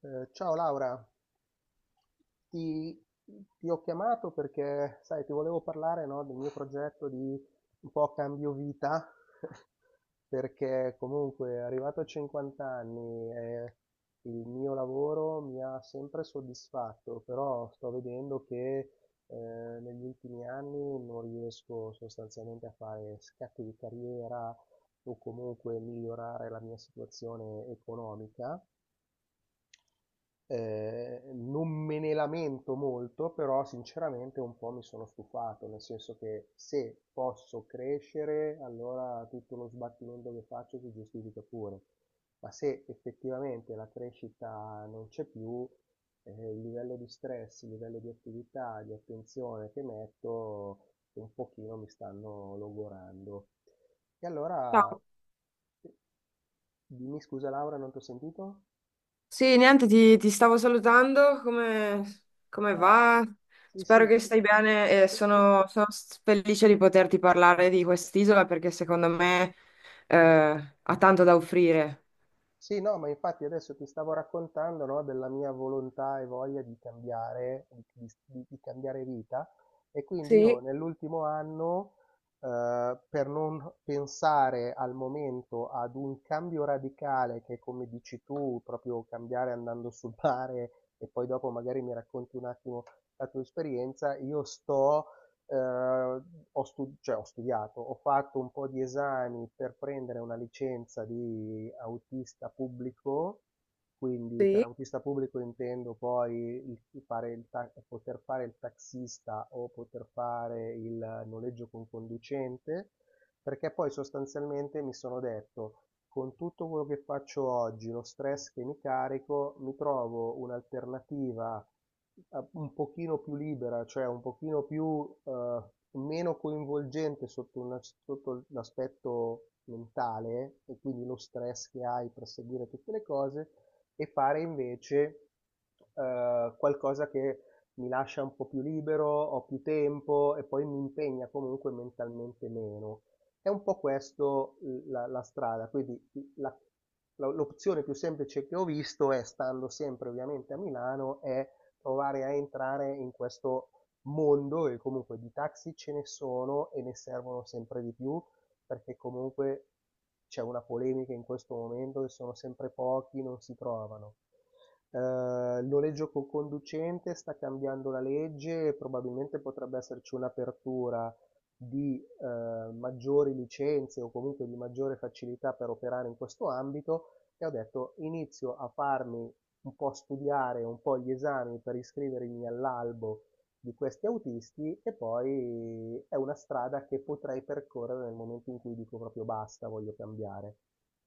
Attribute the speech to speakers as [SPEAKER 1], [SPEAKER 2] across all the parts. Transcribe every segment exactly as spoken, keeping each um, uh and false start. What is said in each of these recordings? [SPEAKER 1] Eh, ciao Laura, ti, ti ho chiamato perché, sai, ti volevo parlare, no, del mio progetto di un po' cambio vita, perché comunque arrivato a cinquanta anni e il mio lavoro mi ha sempre soddisfatto, però sto vedendo che eh, negli ultimi anni non riesco sostanzialmente a fare scatti di carriera o comunque migliorare la mia situazione economica. Eh, non me ne lamento molto, però sinceramente un po' mi sono stufato, nel senso che se posso crescere, allora tutto lo sbattimento che faccio si giustifica pure, ma se effettivamente la crescita non c'è più, eh, il livello di stress, il livello di attività, di attenzione che metto, un pochino mi stanno logorando. E allora,
[SPEAKER 2] Ciao.
[SPEAKER 1] eh, dimmi scusa Laura, non ti ho sentito?
[SPEAKER 2] Sì, niente, ti, ti stavo salutando. Come, come
[SPEAKER 1] Eh.
[SPEAKER 2] va?
[SPEAKER 1] Sì,
[SPEAKER 2] Spero
[SPEAKER 1] sì.
[SPEAKER 2] che stai bene e
[SPEAKER 1] Sì, sì.
[SPEAKER 2] sono, sono s- felice di poterti parlare di quest'isola perché secondo me eh, ha tanto da offrire.
[SPEAKER 1] Sì, no, ma infatti adesso ti stavo raccontando, no, della mia volontà e voglia di cambiare, di, di- di cambiare vita. E quindi io
[SPEAKER 2] Sì,
[SPEAKER 1] nell'ultimo anno, eh, per non pensare al momento ad un cambio radicale, che è come dici tu, proprio cambiare andando sul mare e poi dopo magari mi racconti un attimo la tua esperienza, io sto eh, ho, stu- cioè, ho studiato, ho fatto un po' di esami per prendere una licenza di autista pubblico, quindi per
[SPEAKER 2] sì.
[SPEAKER 1] autista pubblico intendo poi il- fare il ta- poter fare il taxista o poter fare il noleggio con conducente, perché poi sostanzialmente mi sono detto con tutto quello che faccio oggi, lo stress che mi carico, mi trovo un'alternativa eh, un pochino più libera, cioè un pochino più eh, meno coinvolgente sotto, una- sotto l'aspetto mentale e quindi lo stress che hai per seguire tutte le cose e fare invece eh, qualcosa che mi lascia un po' più libero, ho più tempo e poi mi impegna comunque mentalmente meno. È un po' questo l- la, la strada, quindi la- la- l'opzione più semplice che ho visto è, stando sempre ovviamente a Milano, è provare a entrare in questo mondo, e comunque di taxi ce ne sono e ne servono sempre di più perché comunque c'è una polemica in questo momento che sono sempre pochi, non si trovano. Eh, il noleggio con conducente sta cambiando la legge, e probabilmente potrebbe esserci un'apertura di eh, maggiori licenze o comunque di maggiore facilità per operare in questo ambito, e ho detto inizio a farmi un po' studiare un po' gli esami per iscrivermi all'albo di questi autisti, e poi è una strada che potrei percorrere nel momento in cui dico proprio basta, voglio cambiare.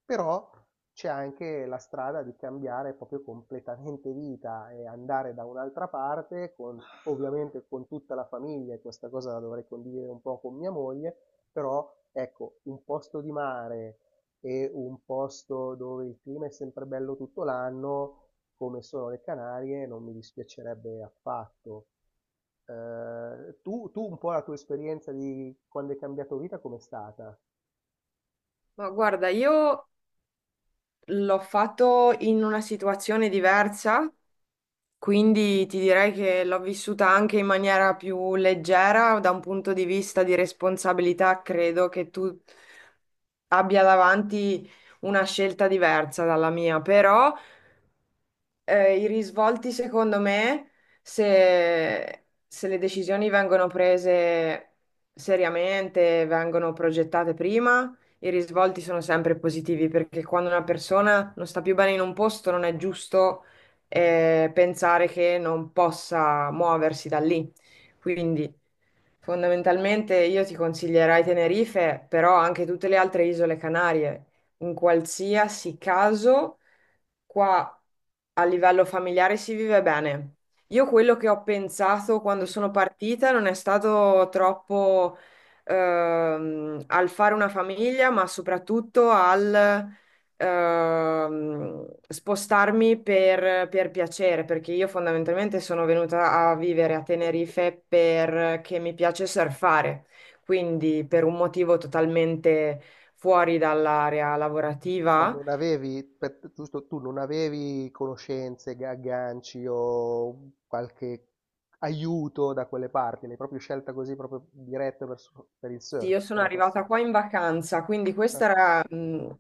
[SPEAKER 1] Però c'è anche la strada di cambiare proprio completamente vita e andare da un'altra parte con ovviamente con tutta la famiglia, e questa cosa la dovrei condividere un po' con mia moglie, però ecco, un posto di mare e un posto dove il clima è sempre bello tutto l'anno, come sono le Canarie, non mi dispiacerebbe affatto. Eh, tu, tu un po' la tua esperienza di quando hai cambiato vita, com'è stata?
[SPEAKER 2] Ma guarda, io l'ho fatto in una situazione diversa. Quindi ti direi che l'ho vissuta anche in maniera più leggera, da un punto di vista di responsabilità, credo che tu abbia davanti una scelta diversa dalla mia, però eh, i risvolti, secondo me, se, se le decisioni vengono prese seriamente, vengono progettate prima, i risvolti sono sempre positivi perché quando una persona non sta più bene in un posto, non è giusto, eh, pensare che non possa muoversi da lì. Quindi, fondamentalmente, io ti consiglierei Tenerife, però anche tutte le altre isole Canarie. In qualsiasi caso, qua. A livello familiare si vive bene. Io quello che ho pensato quando sono partita non è stato troppo ehm, al fare una famiglia, ma soprattutto al ehm, spostarmi per, per piacere, perché io fondamentalmente sono venuta a vivere a Tenerife perché mi piace surfare, quindi per un motivo totalmente fuori dall'area
[SPEAKER 1] Ma
[SPEAKER 2] lavorativa.
[SPEAKER 1] non avevi, per- giusto, tu non avevi conoscenze, ga- agganci o qualche aiuto da quelle parti, l'hai proprio scelta così, proprio diretta verso- per il
[SPEAKER 2] Sì,
[SPEAKER 1] surf,
[SPEAKER 2] io
[SPEAKER 1] per
[SPEAKER 2] sono
[SPEAKER 1] la
[SPEAKER 2] arrivata
[SPEAKER 1] passione.
[SPEAKER 2] qua in vacanza, quindi
[SPEAKER 1] Eh,
[SPEAKER 2] questa era, mh,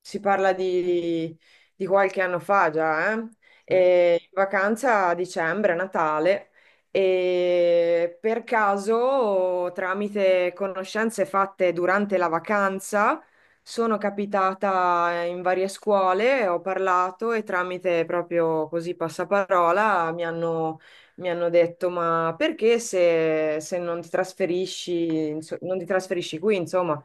[SPEAKER 2] si parla di, di qualche anno fa già, eh?
[SPEAKER 1] sì?
[SPEAKER 2] E in vacanza a dicembre, a Natale, e per caso, tramite conoscenze fatte durante la vacanza, sono capitata in varie scuole, ho parlato e tramite proprio così passaparola mi hanno mi hanno detto, ma perché se, se non ti trasferisci, inso- non ti trasferisci qui, insomma,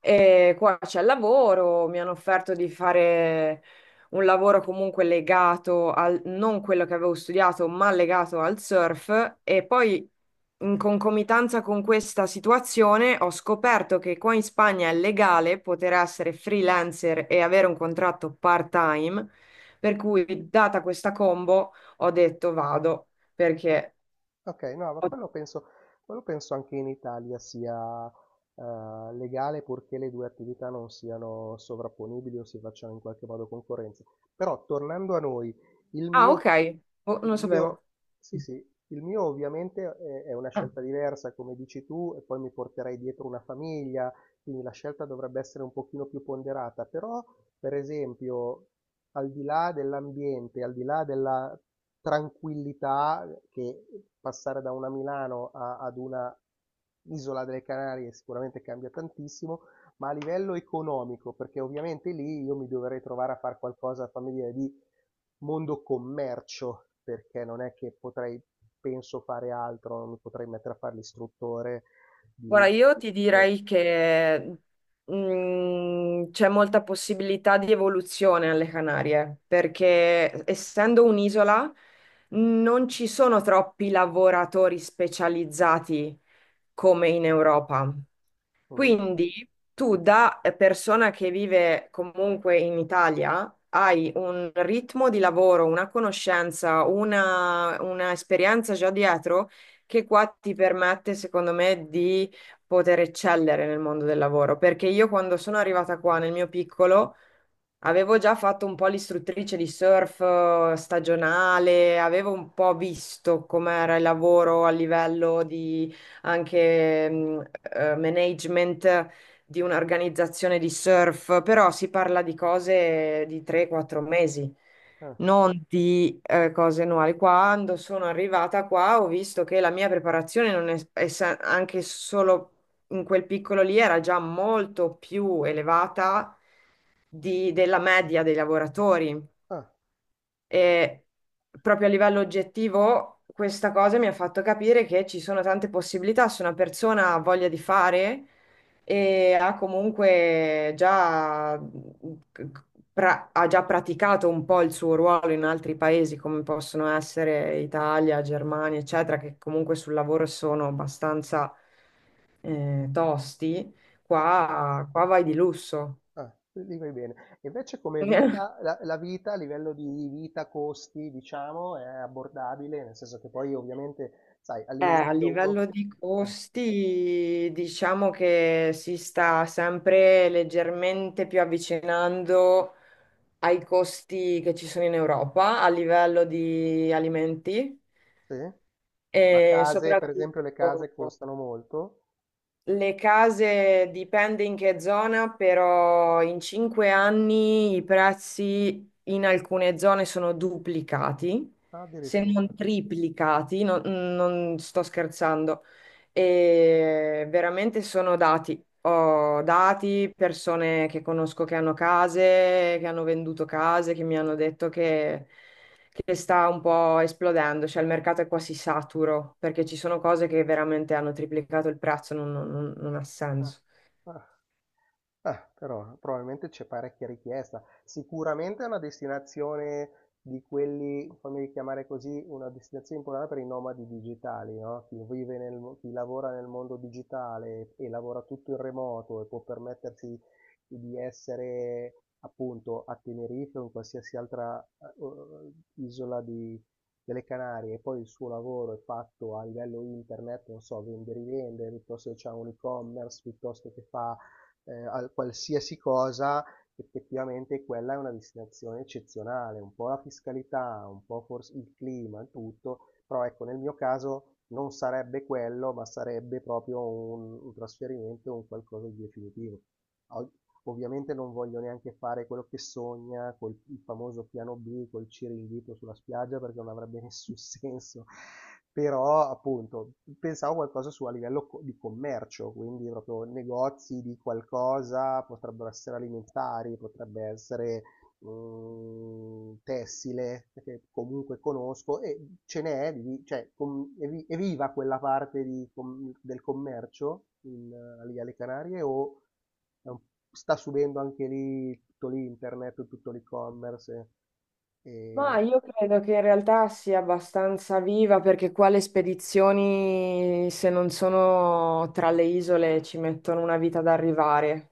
[SPEAKER 2] e qua c'è il lavoro, mi hanno offerto di fare un lavoro comunque legato al, non quello che avevo studiato, ma legato al surf e poi in concomitanza con questa situazione ho scoperto che qua in Spagna è legale poter essere freelancer e avere un contratto part-time, per cui data questa combo ho detto vado perché.
[SPEAKER 1] Okay, no, ma quello penso quello penso anche in Italia sia, ehm, legale purché le due attività non siano sovrapponibili o si facciano in qualche modo concorrenza. Però tornando a noi, il
[SPEAKER 2] Ah,
[SPEAKER 1] mio
[SPEAKER 2] ok. Oh, non
[SPEAKER 1] il
[SPEAKER 2] lo
[SPEAKER 1] mio
[SPEAKER 2] sapevo.
[SPEAKER 1] sì, sì, il mio ovviamente è è una
[SPEAKER 2] Ah.
[SPEAKER 1] scelta diversa, come dici tu, e poi mi porterei dietro una famiglia, quindi la scelta dovrebbe essere un pochino più ponderata, però per esempio al di là dell'ambiente, al di là della tranquillità che passare da una Milano a- ad una isola delle Canarie sicuramente cambia tantissimo, ma a livello economico, perché ovviamente lì io mi dovrei trovare a fare qualcosa, fammi dire, di mondo commercio, perché non è che potrei, penso, fare altro, non mi potrei mettere a fare l'istruttore di...
[SPEAKER 2] Guarda, io ti direi che mm, c'è molta possibilità di evoluzione alle Canarie, perché essendo un'isola non ci sono troppi lavoratori specializzati come in Europa.
[SPEAKER 1] Mm?
[SPEAKER 2] Quindi tu da persona che vive comunque in Italia hai un ritmo di lavoro, una conoscenza, una, una esperienza già dietro che qua ti permette, secondo me, di poter eccellere nel mondo del lavoro. Perché io quando sono arrivata qua nel mio piccolo avevo già fatto un po' l'istruttrice di surf eh, stagionale, avevo un po' visto com'era il lavoro a livello di anche mh, eh, management di un'organizzazione di surf, però si parla di cose di tre quattro mesi,
[SPEAKER 1] Ah,
[SPEAKER 2] non di eh, cose annuali. Quando sono arrivata qua ho visto che la mia preparazione non è, è sa- anche solo in quel piccolo lì era già molto più elevata di- della media dei lavoratori.
[SPEAKER 1] ah,
[SPEAKER 2] E proprio a livello oggettivo, questa cosa mi ha fatto capire che ci sono tante possibilità. Se una persona ha voglia di fare e ha comunque già, pra- ha già praticato un po' il suo ruolo in altri paesi, come possono essere Italia, Germania, eccetera, che comunque sul lavoro sono abbastanza eh, tosti,
[SPEAKER 1] sì.
[SPEAKER 2] qua, qua vai di lusso.
[SPEAKER 1] Ah, lì vai bene. Invece come vita, la, la vita a livello di vita, costi, diciamo, è abbordabile, nel senso che poi ovviamente, sai,
[SPEAKER 2] Eh, a
[SPEAKER 1] all'inizio uno...
[SPEAKER 2] livello di
[SPEAKER 1] eh,
[SPEAKER 2] costi, diciamo che si sta sempre leggermente più avvicinando ai costi che ci sono in Europa a livello di alimenti
[SPEAKER 1] sì? Ma
[SPEAKER 2] e
[SPEAKER 1] case, per esempio, le
[SPEAKER 2] soprattutto
[SPEAKER 1] case costano molto?
[SPEAKER 2] le case dipende in che zona, però in cinque anni i prezzi in alcune zone sono duplicati,
[SPEAKER 1] Ah,
[SPEAKER 2] se non
[SPEAKER 1] addirittura.
[SPEAKER 2] triplicati, non, non sto scherzando. E veramente sono dati. Ho dati, persone che conosco che hanno case, che hanno venduto case, che mi hanno detto che che sta un po' esplodendo, cioè il mercato è quasi saturo perché ci sono cose che veramente hanno triplicato il prezzo, non, non- non- non ha
[SPEAKER 1] Ah,
[SPEAKER 2] senso.
[SPEAKER 1] ah. Ah, però probabilmente c'è parecchia richiesta. Sicuramente è una destinazione di quelli, fammi chiamare così, una destinazione importante per i nomadi digitali, no? Chi vive nel, mo- chi lavora nel mondo digitale e lavora tutto in remoto e può permettersi di essere appunto a Tenerife o in qualsiasi altra eh, isola di- delle Canarie, e poi il suo lavoro è fatto a livello internet, non so, vende e rivende, piuttosto che c'è un e-commerce, piuttosto che fa eh, a qualsiasi cosa, effettivamente quella è una destinazione eccezionale, un po' la fiscalità, un po' forse il clima, il tutto, però ecco, nel mio caso non sarebbe quello, ma sarebbe proprio un, un trasferimento, un qualcosa di definitivo. Ov- Ovviamente non voglio neanche fare quello che sogna, col il famoso piano B, col Ciringhito sulla spiaggia, perché non avrebbe nessun senso. Però, appunto, pensavo qualcosa su a livello co- di commercio, quindi proprio negozi di qualcosa, potrebbero essere alimentari, potrebbe essere mh, tessile che comunque conosco e ce n'è, di- cioè, com- è vi- è viva quella parte di com- del commercio in, eh, lì alle Canarie, o è un- sta subendo anche lì tutto l'internet, tutto l'e-commerce?
[SPEAKER 2] Ma
[SPEAKER 1] E,
[SPEAKER 2] io credo che in realtà sia abbastanza viva perché qua le spedizioni, se non sono tra le isole, ci mettono una vita ad arrivare.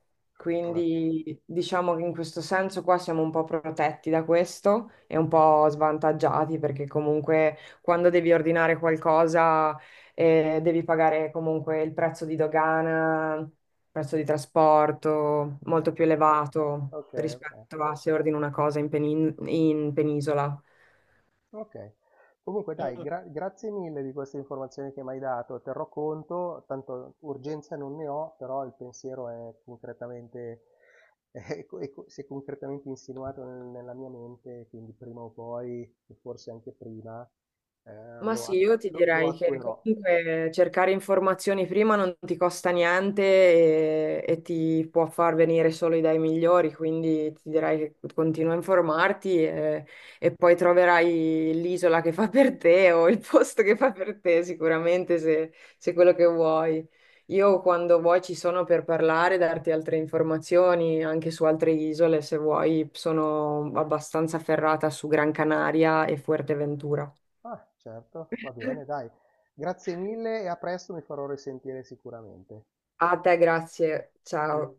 [SPEAKER 1] e, ah,
[SPEAKER 2] Quindi diciamo che in questo senso qua siamo un po' protetti da questo e un po' svantaggiati perché comunque quando devi ordinare qualcosa eh, devi pagare comunque il prezzo di dogana, prezzo di trasporto molto più
[SPEAKER 1] eh,
[SPEAKER 2] elevato
[SPEAKER 1] ok, ok.
[SPEAKER 2] rispetto a se ordino una cosa in, penin- in penisola.
[SPEAKER 1] Ok. Comunque dai,
[SPEAKER 2] Mm.
[SPEAKER 1] gra- grazie mille di queste informazioni che mi hai dato, terrò conto, tanto urgenza non ne ho, però il pensiero è concretamente, è co- è co- si è concretamente insinuato nel- nella mia mente, quindi prima o poi, e forse anche prima, eh,
[SPEAKER 2] Ma
[SPEAKER 1] lo,
[SPEAKER 2] sì,
[SPEAKER 1] at-
[SPEAKER 2] io ti
[SPEAKER 1] lo- lo
[SPEAKER 2] direi che
[SPEAKER 1] attuerò.
[SPEAKER 2] comunque cercare informazioni prima non ti costa niente e, e ti può far venire solo idee migliori, quindi ti direi che continua a informarti e, e poi troverai l'isola che fa per te o il posto che fa per te sicuramente se, se quello che vuoi. Io quando vuoi ci sono per parlare, darti altre informazioni anche su altre isole, se vuoi, sono abbastanza ferrata su Gran Canaria e Fuerteventura.
[SPEAKER 1] Ah, certo, va bene, dai. Grazie mille e a presto, mi farò risentire sicuramente.
[SPEAKER 2] A te grazie, ciao.